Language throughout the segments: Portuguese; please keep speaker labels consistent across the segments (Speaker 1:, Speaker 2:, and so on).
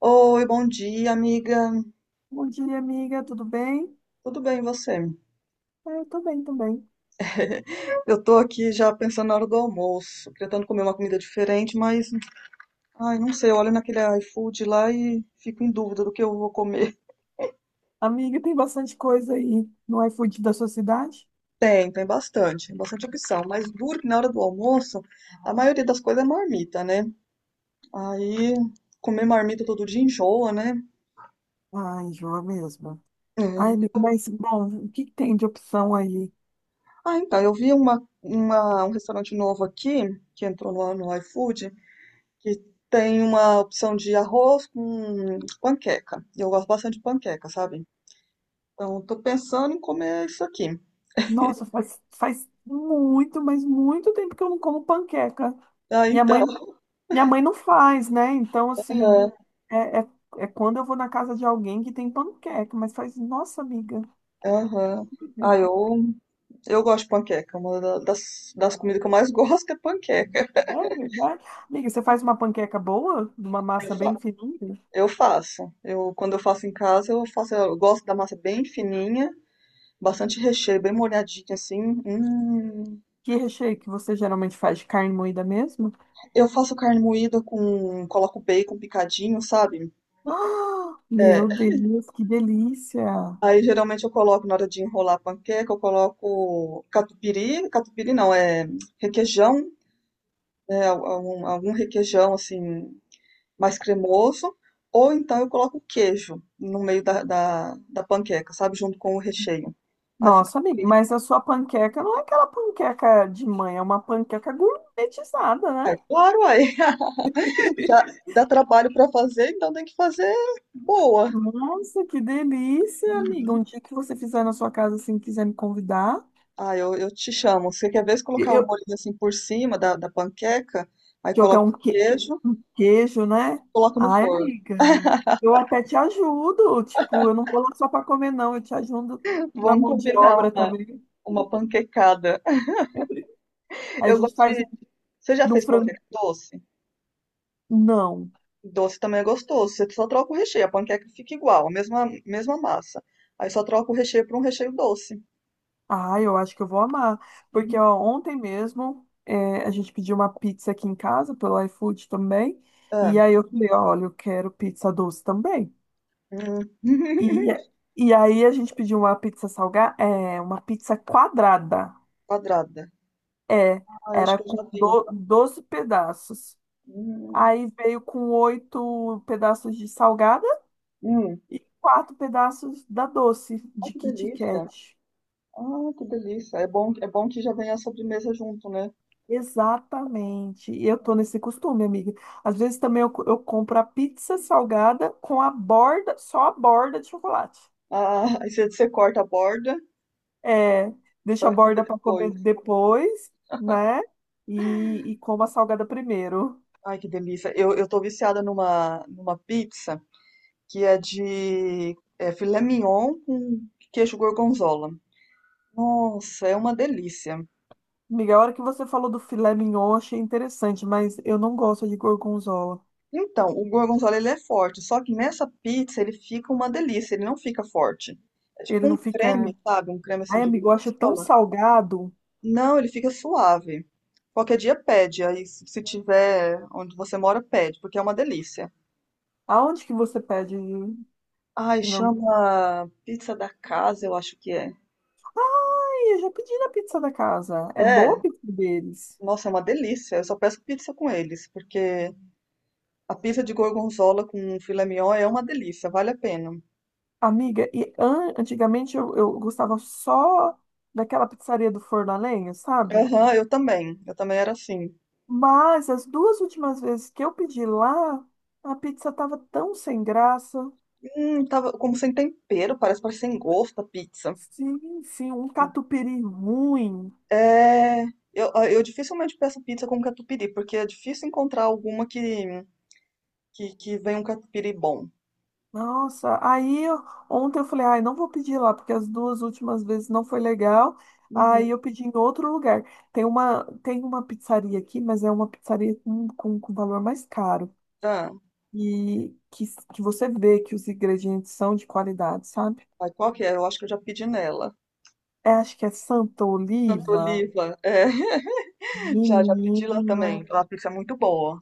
Speaker 1: Oi, bom dia, amiga.
Speaker 2: Bom dia, amiga, tudo bem?
Speaker 1: Tudo bem, e você?
Speaker 2: É, eu tô bem também.
Speaker 1: Eu tô aqui já pensando na hora do almoço, tentando comer uma comida diferente, mas, ai, não sei, eu olho naquele iFood lá e fico em dúvida do que eu vou comer.
Speaker 2: Amiga, tem bastante coisa aí no iFood da sua cidade?
Speaker 1: Tem bastante, bastante opção, mas duro que na hora do almoço, a maioria das coisas é marmita, né? Aí, comer marmita todo dia enjoa, né?
Speaker 2: Ai, enjoa mesmo. Ai, amiga,
Speaker 1: É.
Speaker 2: mas, bom, o que que tem de opção aí?
Speaker 1: Ah, então, eu vi um restaurante novo aqui, que entrou no iFood, que tem uma opção de arroz com panqueca. E eu gosto bastante de panqueca, sabe? Então, eu tô pensando em comer isso aqui.
Speaker 2: Nossa, faz muito, mas muito tempo que eu não como panqueca.
Speaker 1: Ah,
Speaker 2: Minha mãe,
Speaker 1: então.
Speaker 2: minha mãe não faz, né? Então, assim,
Speaker 1: Aham,
Speaker 2: é, é, é quando eu vou na casa de alguém que tem panqueca, mas faz, nossa, amiga,
Speaker 1: aham.
Speaker 2: muito
Speaker 1: Ah,
Speaker 2: tempo.
Speaker 1: eu gosto de panqueca. Uma das comidas que eu mais gosto é panqueca.
Speaker 2: É verdade? Amiga, você faz uma panqueca boa? Uma
Speaker 1: Eu
Speaker 2: massa bem
Speaker 1: fa-
Speaker 2: fininha?
Speaker 1: eu faço. Eu, quando eu faço em casa, eu faço. Eu gosto da massa bem fininha, bastante recheio, bem molhadinha assim. Hum.
Speaker 2: Que recheio que você geralmente faz de carne moída mesmo?
Speaker 1: Eu faço carne moída com. Coloco bacon picadinho, sabe?
Speaker 2: Ah,
Speaker 1: É,
Speaker 2: meu Deus, que delícia!
Speaker 1: aí geralmente eu coloco na hora de enrolar a panqueca, eu coloco catupiry, catupiry não, é requeijão, né, algum requeijão assim mais cremoso, ou então eu coloco queijo no meio da panqueca, sabe, junto com o recheio. Aí fica
Speaker 2: Nossa, amiga,
Speaker 1: triste.
Speaker 2: mas a sua panqueca não é aquela panqueca de mãe, é uma panqueca gourmetizada,
Speaker 1: Ai,
Speaker 2: né?
Speaker 1: claro, aí já dá trabalho para fazer, então tem que fazer boa.
Speaker 2: Nossa, que delícia, amiga. Um dia que você fizer na sua casa, assim, quiser me convidar,
Speaker 1: Ah, eu te chamo. Você quer ver se colocar o
Speaker 2: eu
Speaker 1: molho assim por cima da panqueca, aí
Speaker 2: jogar
Speaker 1: coloca o queijo,
Speaker 2: um queijo, né?
Speaker 1: coloca no
Speaker 2: Ai,
Speaker 1: forno.
Speaker 2: amiga, eu até te ajudo. Tipo, eu não vou lá só para comer, não. Eu te ajudo na
Speaker 1: Vamos
Speaker 2: mão de
Speaker 1: combinar
Speaker 2: obra
Speaker 1: uma,
Speaker 2: também.
Speaker 1: uma panquecada.
Speaker 2: Aí a
Speaker 1: Eu
Speaker 2: gente
Speaker 1: gosto
Speaker 2: faz
Speaker 1: de. Você já fez
Speaker 2: frango.
Speaker 1: panqueca doce?
Speaker 2: Não.
Speaker 1: Doce também é gostoso. Você só troca o recheio. A panqueca fica igual, a mesma, mesma massa. Aí só troca o recheio por um recheio doce.
Speaker 2: Ah, eu acho que eu vou amar. Porque
Speaker 1: Hum,
Speaker 2: ó, ontem mesmo a gente pediu uma pizza aqui em casa pelo iFood também.
Speaker 1: é,
Speaker 2: E aí eu falei, olha, eu quero pizza doce também.
Speaker 1: hum.
Speaker 2: E, eh, e aí a gente pediu uma pizza salgada, é, uma pizza quadrada.
Speaker 1: Quadrada.
Speaker 2: É,
Speaker 1: Ah, eu acho
Speaker 2: era
Speaker 1: que eu
Speaker 2: com
Speaker 1: já vi.
Speaker 2: 12 pedaços.
Speaker 1: Hum,
Speaker 2: Aí veio com oito pedaços de salgada
Speaker 1: hum.
Speaker 2: e quatro pedaços da doce,
Speaker 1: Ah,
Speaker 2: de
Speaker 1: que
Speaker 2: Kit
Speaker 1: delícia.
Speaker 2: Kat.
Speaker 1: Ah, que delícia. É bom que já vem a sobremesa junto, né?
Speaker 2: Exatamente. E eu tô nesse costume, amiga. Às vezes também eu compro a pizza salgada com a borda, só a borda de chocolate.
Speaker 1: Ah, aí você corta a borda
Speaker 2: É, deixa a
Speaker 1: para comer
Speaker 2: borda para
Speaker 1: depois.
Speaker 2: comer depois, né? E como a salgada primeiro.
Speaker 1: Ai, que delícia. Eu tô viciada numa pizza. Que é de filé mignon com queijo gorgonzola. Nossa, é uma delícia.
Speaker 2: Amiga, a hora que você falou do filé mignon, eu achei interessante, mas eu não gosto de gorgonzola.
Speaker 1: Então, o gorgonzola ele é forte, só que nessa pizza ele fica uma delícia, ele não fica forte. É
Speaker 2: Ele
Speaker 1: tipo um
Speaker 2: não fica,
Speaker 1: creme,
Speaker 2: né?
Speaker 1: sabe? Um creme assim
Speaker 2: Ai,
Speaker 1: de
Speaker 2: amigo, eu acho tão
Speaker 1: gorgonzola.
Speaker 2: salgado.
Speaker 1: Não, ele fica suave. Qualquer dia pede, aí se tiver onde você mora, pede, porque é uma delícia.
Speaker 2: Aonde que você pede? Ai,
Speaker 1: Ai, chama pizza da casa, eu acho que é.
Speaker 2: eu já pedi na pizza da casa. É boa
Speaker 1: É,
Speaker 2: a pizza deles.
Speaker 1: nossa, é uma delícia. Eu só peço pizza com eles, porque a pizza de gorgonzola com filé mignon é uma delícia, vale a pena.
Speaker 2: Amiga, e antigamente eu gostava só daquela pizzaria do Forno a Lenha, sabe?
Speaker 1: Aham, eu também. Eu também era assim.
Speaker 2: Mas as duas últimas vezes que eu pedi lá, a pizza tava tão sem graça.
Speaker 1: Tava como sem tempero, parece, parece sem gosto a pizza.
Speaker 2: Sim, sim, um catupiry ruim.
Speaker 1: É, eu dificilmente peço pizza com catupiry, porque é difícil encontrar alguma que venha um catupiry bom.
Speaker 2: Nossa, ontem eu falei, ai, não vou pedir lá, porque as duas últimas vezes não foi legal.
Speaker 1: Uhum.
Speaker 2: Aí eu pedi em outro lugar. Tem uma pizzaria aqui, mas é uma pizzaria com valor mais caro.
Speaker 1: Ah,
Speaker 2: E que você vê que os ingredientes são de qualidade, sabe?
Speaker 1: aí qual que é? Eu acho que eu já pedi nela.
Speaker 2: É, acho que é Santa
Speaker 1: Santa
Speaker 2: Oliva.
Speaker 1: Oliva, é. Já pedi lá
Speaker 2: Menina,
Speaker 1: também. Lá a pizza é muito boa.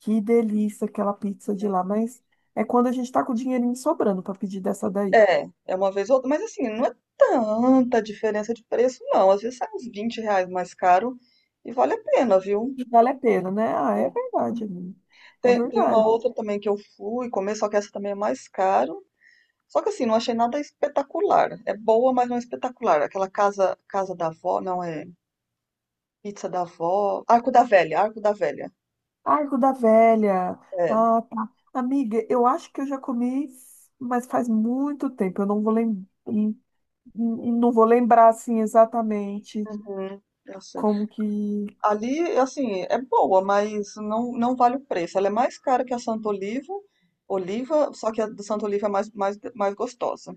Speaker 2: que delícia aquela pizza de lá, mas é quando a gente tá com o dinheirinho sobrando para pedir dessa daí.
Speaker 1: É uma vez ou outra, mas assim, não é tanta diferença de preço, não. Às vezes sai uns R$ 20 mais caro e vale a pena, viu?
Speaker 2: E vale a pena, né? Ah, é verdade, amiga. É
Speaker 1: Tem uma
Speaker 2: verdade.
Speaker 1: outra também que eu fui comer, só que essa também é mais caro. Só que assim, não achei nada espetacular. É boa, mas não é espetacular. Aquela casa, casa da avó, não é pizza da avó. Arco da Velha, Arco da Velha.
Speaker 2: Arco da Velha.
Speaker 1: É.
Speaker 2: Ah, tá. Amiga, eu acho que eu já comi, mas faz muito tempo. Eu não vou lembrar, assim exatamente
Speaker 1: Uhum, eu sei.
Speaker 2: como que.
Speaker 1: Ali, assim, é boa, mas não, não vale o preço. Ela é mais cara que a Santa Oliva, Oliva, só que a do Santa Oliva é mais, mais, mais gostosa.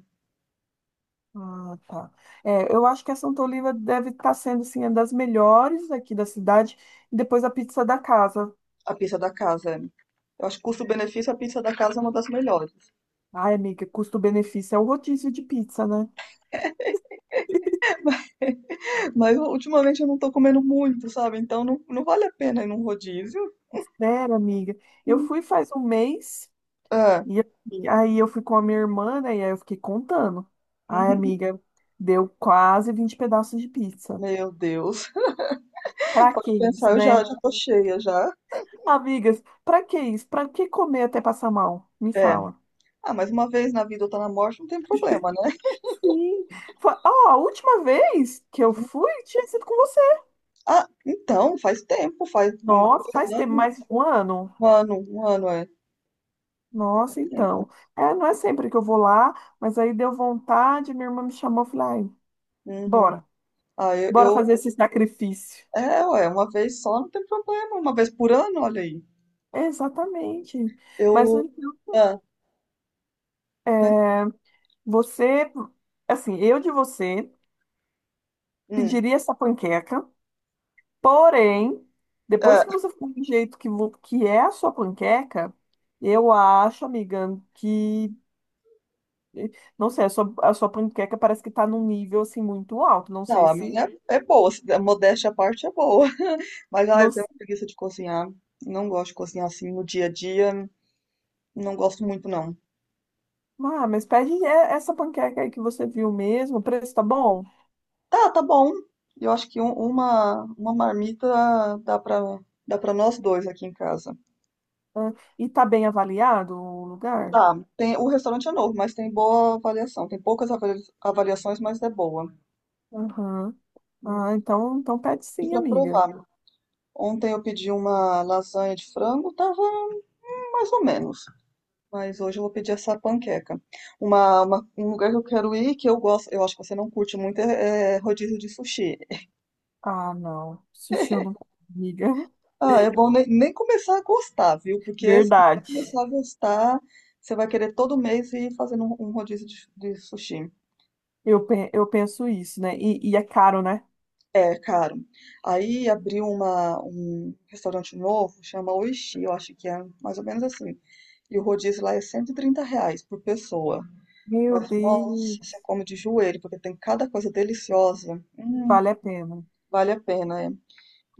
Speaker 2: Ah, tá. É, eu acho que essa Antoliva deve estar sendo, assim, uma das melhores aqui da cidade. E depois a pizza da casa.
Speaker 1: A pizza da casa. É. Eu acho que custo-benefício, a pizza da casa é uma das melhores.
Speaker 2: Ai, amiga, custo-benefício é o rodízio de pizza, né?
Speaker 1: Mas mas ultimamente eu não tô comendo muito, sabe? Então não, não vale a pena ir num rodízio.
Speaker 2: Sério, amiga. Eu fui faz um mês
Speaker 1: Ah,
Speaker 2: e assim, aí eu fui com a minha irmã, né? E aí eu fiquei contando. Ai, amiga, deu quase 20 pedaços de pizza.
Speaker 1: meu Deus.
Speaker 2: Pra que
Speaker 1: Pode
Speaker 2: isso,
Speaker 1: pensar, eu já,
Speaker 2: né?
Speaker 1: já tô cheia já.
Speaker 2: Amigas, pra que isso? Pra que comer até passar mal? Me
Speaker 1: É.
Speaker 2: fala.
Speaker 1: Ah, mas uma vez na vida ou tá na morte, não tem problema, né?
Speaker 2: Sim. Ó, a última vez que eu fui tinha sido com.
Speaker 1: Ah, então, faz tempo, faz um,
Speaker 2: Nossa,
Speaker 1: dois
Speaker 2: faz tempo,
Speaker 1: anos,
Speaker 2: mais um ano.
Speaker 1: um ano, é, faz
Speaker 2: Nossa,
Speaker 1: tempo.
Speaker 2: então. É, não é sempre que eu vou lá, mas aí deu vontade, minha irmã me chamou, eu falei, ai,
Speaker 1: Uhum.
Speaker 2: bora,
Speaker 1: Ah,
Speaker 2: bora fazer esse sacrifício.
Speaker 1: é, ué, uma vez só não tem problema, uma vez por ano, olha aí.
Speaker 2: Exatamente. Mas
Speaker 1: Eu,
Speaker 2: então,
Speaker 1: ah, não-
Speaker 2: é, você, assim, eu de você
Speaker 1: hum,
Speaker 2: pediria essa panqueca, porém, depois que
Speaker 1: ah,
Speaker 2: você ficou do jeito que é a sua panqueca, eu acho, amiga, que, eh, não sei, a sua panqueca parece que tá num nível, assim, muito alto. Não
Speaker 1: não,
Speaker 2: sei
Speaker 1: a
Speaker 2: se.
Speaker 1: minha é boa, a modéstia à parte é boa, mas, eu tenho preguiça de cozinhar, não gosto de cozinhar assim no dia a dia, não gosto muito, não.
Speaker 2: Ah, mas pede essa panqueca aí que você viu mesmo. O preço tá bom?
Speaker 1: Tá, tá bom, eu acho que uma marmita dá pra nós dois aqui em casa.
Speaker 2: Ah. E tá bem avaliado o lugar?
Speaker 1: Tá, tem, o restaurante é novo, mas tem boa avaliação. Tem poucas avaliações, mas é boa.
Speaker 2: Aham.
Speaker 1: Hum.
Speaker 2: Ah, então pede
Speaker 1: E
Speaker 2: sim,
Speaker 1: para
Speaker 2: amiga.
Speaker 1: provar, ontem eu pedi uma lasanha de frango, tava mais ou menos. Mas hoje eu vou pedir essa panqueca. Um lugar que eu quero ir, que eu gosto, eu acho que você não curte muito, é rodízio de sushi.
Speaker 2: Ah, não. Sushi eu não como, amiga.
Speaker 1: Ah, é bom nem, nem começar a gostar, viu? Porque se você
Speaker 2: Verdade.
Speaker 1: começar a gostar, você vai querer todo mês ir fazendo um rodízio de sushi.
Speaker 2: Eu penso isso, né? E é caro, né?
Speaker 1: É caro. Aí abriu um restaurante novo, chama Oishi, eu acho que é mais ou menos assim. E o rodízio lá é R$ 130 por pessoa.
Speaker 2: Meu
Speaker 1: Mas, nossa, você
Speaker 2: Deus,
Speaker 1: come de joelho, porque tem cada coisa deliciosa.
Speaker 2: vale a pena.
Speaker 1: Vale a pena, é.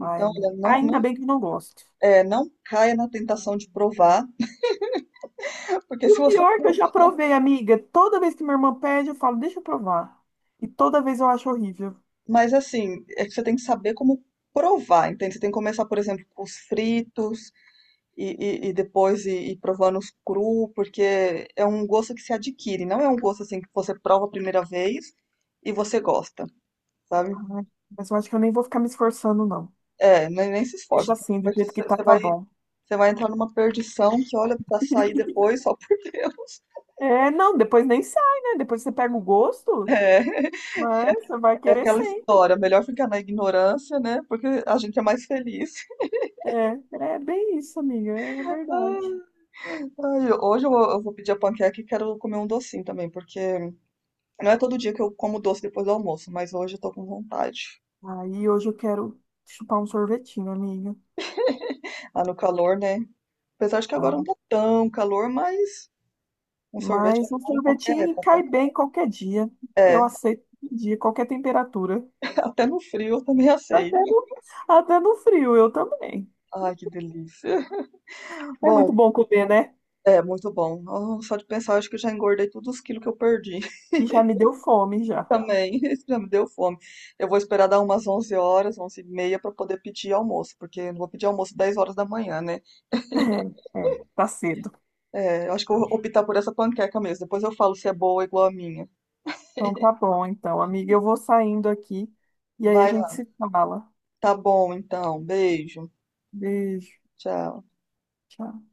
Speaker 2: Ai, amiga.
Speaker 1: olha, não,
Speaker 2: Ainda
Speaker 1: não,
Speaker 2: bem que eu não gosto.
Speaker 1: não caia na tentação de provar, porque
Speaker 2: E
Speaker 1: se
Speaker 2: o
Speaker 1: você.
Speaker 2: pior é que eu
Speaker 1: For-
Speaker 2: já provei, amiga. Toda vez que minha irmã pede, eu falo, deixa eu provar. E toda vez eu acho horrível.
Speaker 1: Mas, assim, é que você tem que saber como provar, entende? Você tem que começar, por exemplo, com os fritos, e, e depois ir provando os cru, porque é um gosto que se adquire, não é um gosto assim que você prova a primeira vez e você gosta, sabe?
Speaker 2: Ai, mas eu acho que eu nem vou ficar me esforçando, não.
Speaker 1: É, nem, nem se
Speaker 2: Deixa
Speaker 1: esforça,
Speaker 2: assim, do
Speaker 1: porque
Speaker 2: jeito que
Speaker 1: você
Speaker 2: tá,
Speaker 1: você
Speaker 2: tá
Speaker 1: vai,
Speaker 2: bom.
Speaker 1: você vai entrar numa perdição que, olha, pra sair depois, só por Deus.
Speaker 2: É, não, depois nem sai, né? Depois você pega o gosto,
Speaker 1: É,
Speaker 2: mas você vai querer
Speaker 1: aquela
Speaker 2: sempre.
Speaker 1: história, melhor ficar na ignorância, né? Porque a gente é mais feliz.
Speaker 2: É, é bem isso, amiga, é
Speaker 1: Ah,
Speaker 2: verdade.
Speaker 1: Ai, hoje eu vou pedir a panqueca e quero comer um docinho também, porque não é todo dia que eu como doce depois do almoço, mas hoje eu tô com vontade.
Speaker 2: Aí hoje eu quero chupar um sorvetinho, amiga,
Speaker 1: Ah, no calor, né? Apesar de que agora
Speaker 2: tá?
Speaker 1: não tá tão calor, mas um sorvete é
Speaker 2: Mas um
Speaker 1: bom em qualquer
Speaker 2: sorvetinho cai
Speaker 1: época.
Speaker 2: bem qualquer dia.
Speaker 1: É,
Speaker 2: Eu aceito qualquer dia, qualquer temperatura.
Speaker 1: até no frio eu também
Speaker 2: Até
Speaker 1: aceito.
Speaker 2: no, até no frio, eu também.
Speaker 1: Ai, que delícia.
Speaker 2: É
Speaker 1: Bom,
Speaker 2: muito bom comer, né?
Speaker 1: é muito bom. Ah, só de pensar, acho que eu já engordei todos os quilos que eu perdi
Speaker 2: E já me deu fome, já.
Speaker 1: também. Isso já me deu fome. Eu vou esperar dar umas 11h, 11h30, para poder pedir almoço, porque eu não vou pedir almoço 10h da manhã, né?
Speaker 2: É, tá cedo.
Speaker 1: É, eu acho que eu vou optar por essa panqueca mesmo. Depois eu falo se é boa ou igual a minha.
Speaker 2: Então tá bom, então, amiga, eu vou saindo aqui e aí a
Speaker 1: Vai
Speaker 2: gente
Speaker 1: lá.
Speaker 2: se fala.
Speaker 1: Tá bom, então. Beijo.
Speaker 2: Beijo.
Speaker 1: Tchau.
Speaker 2: Tchau.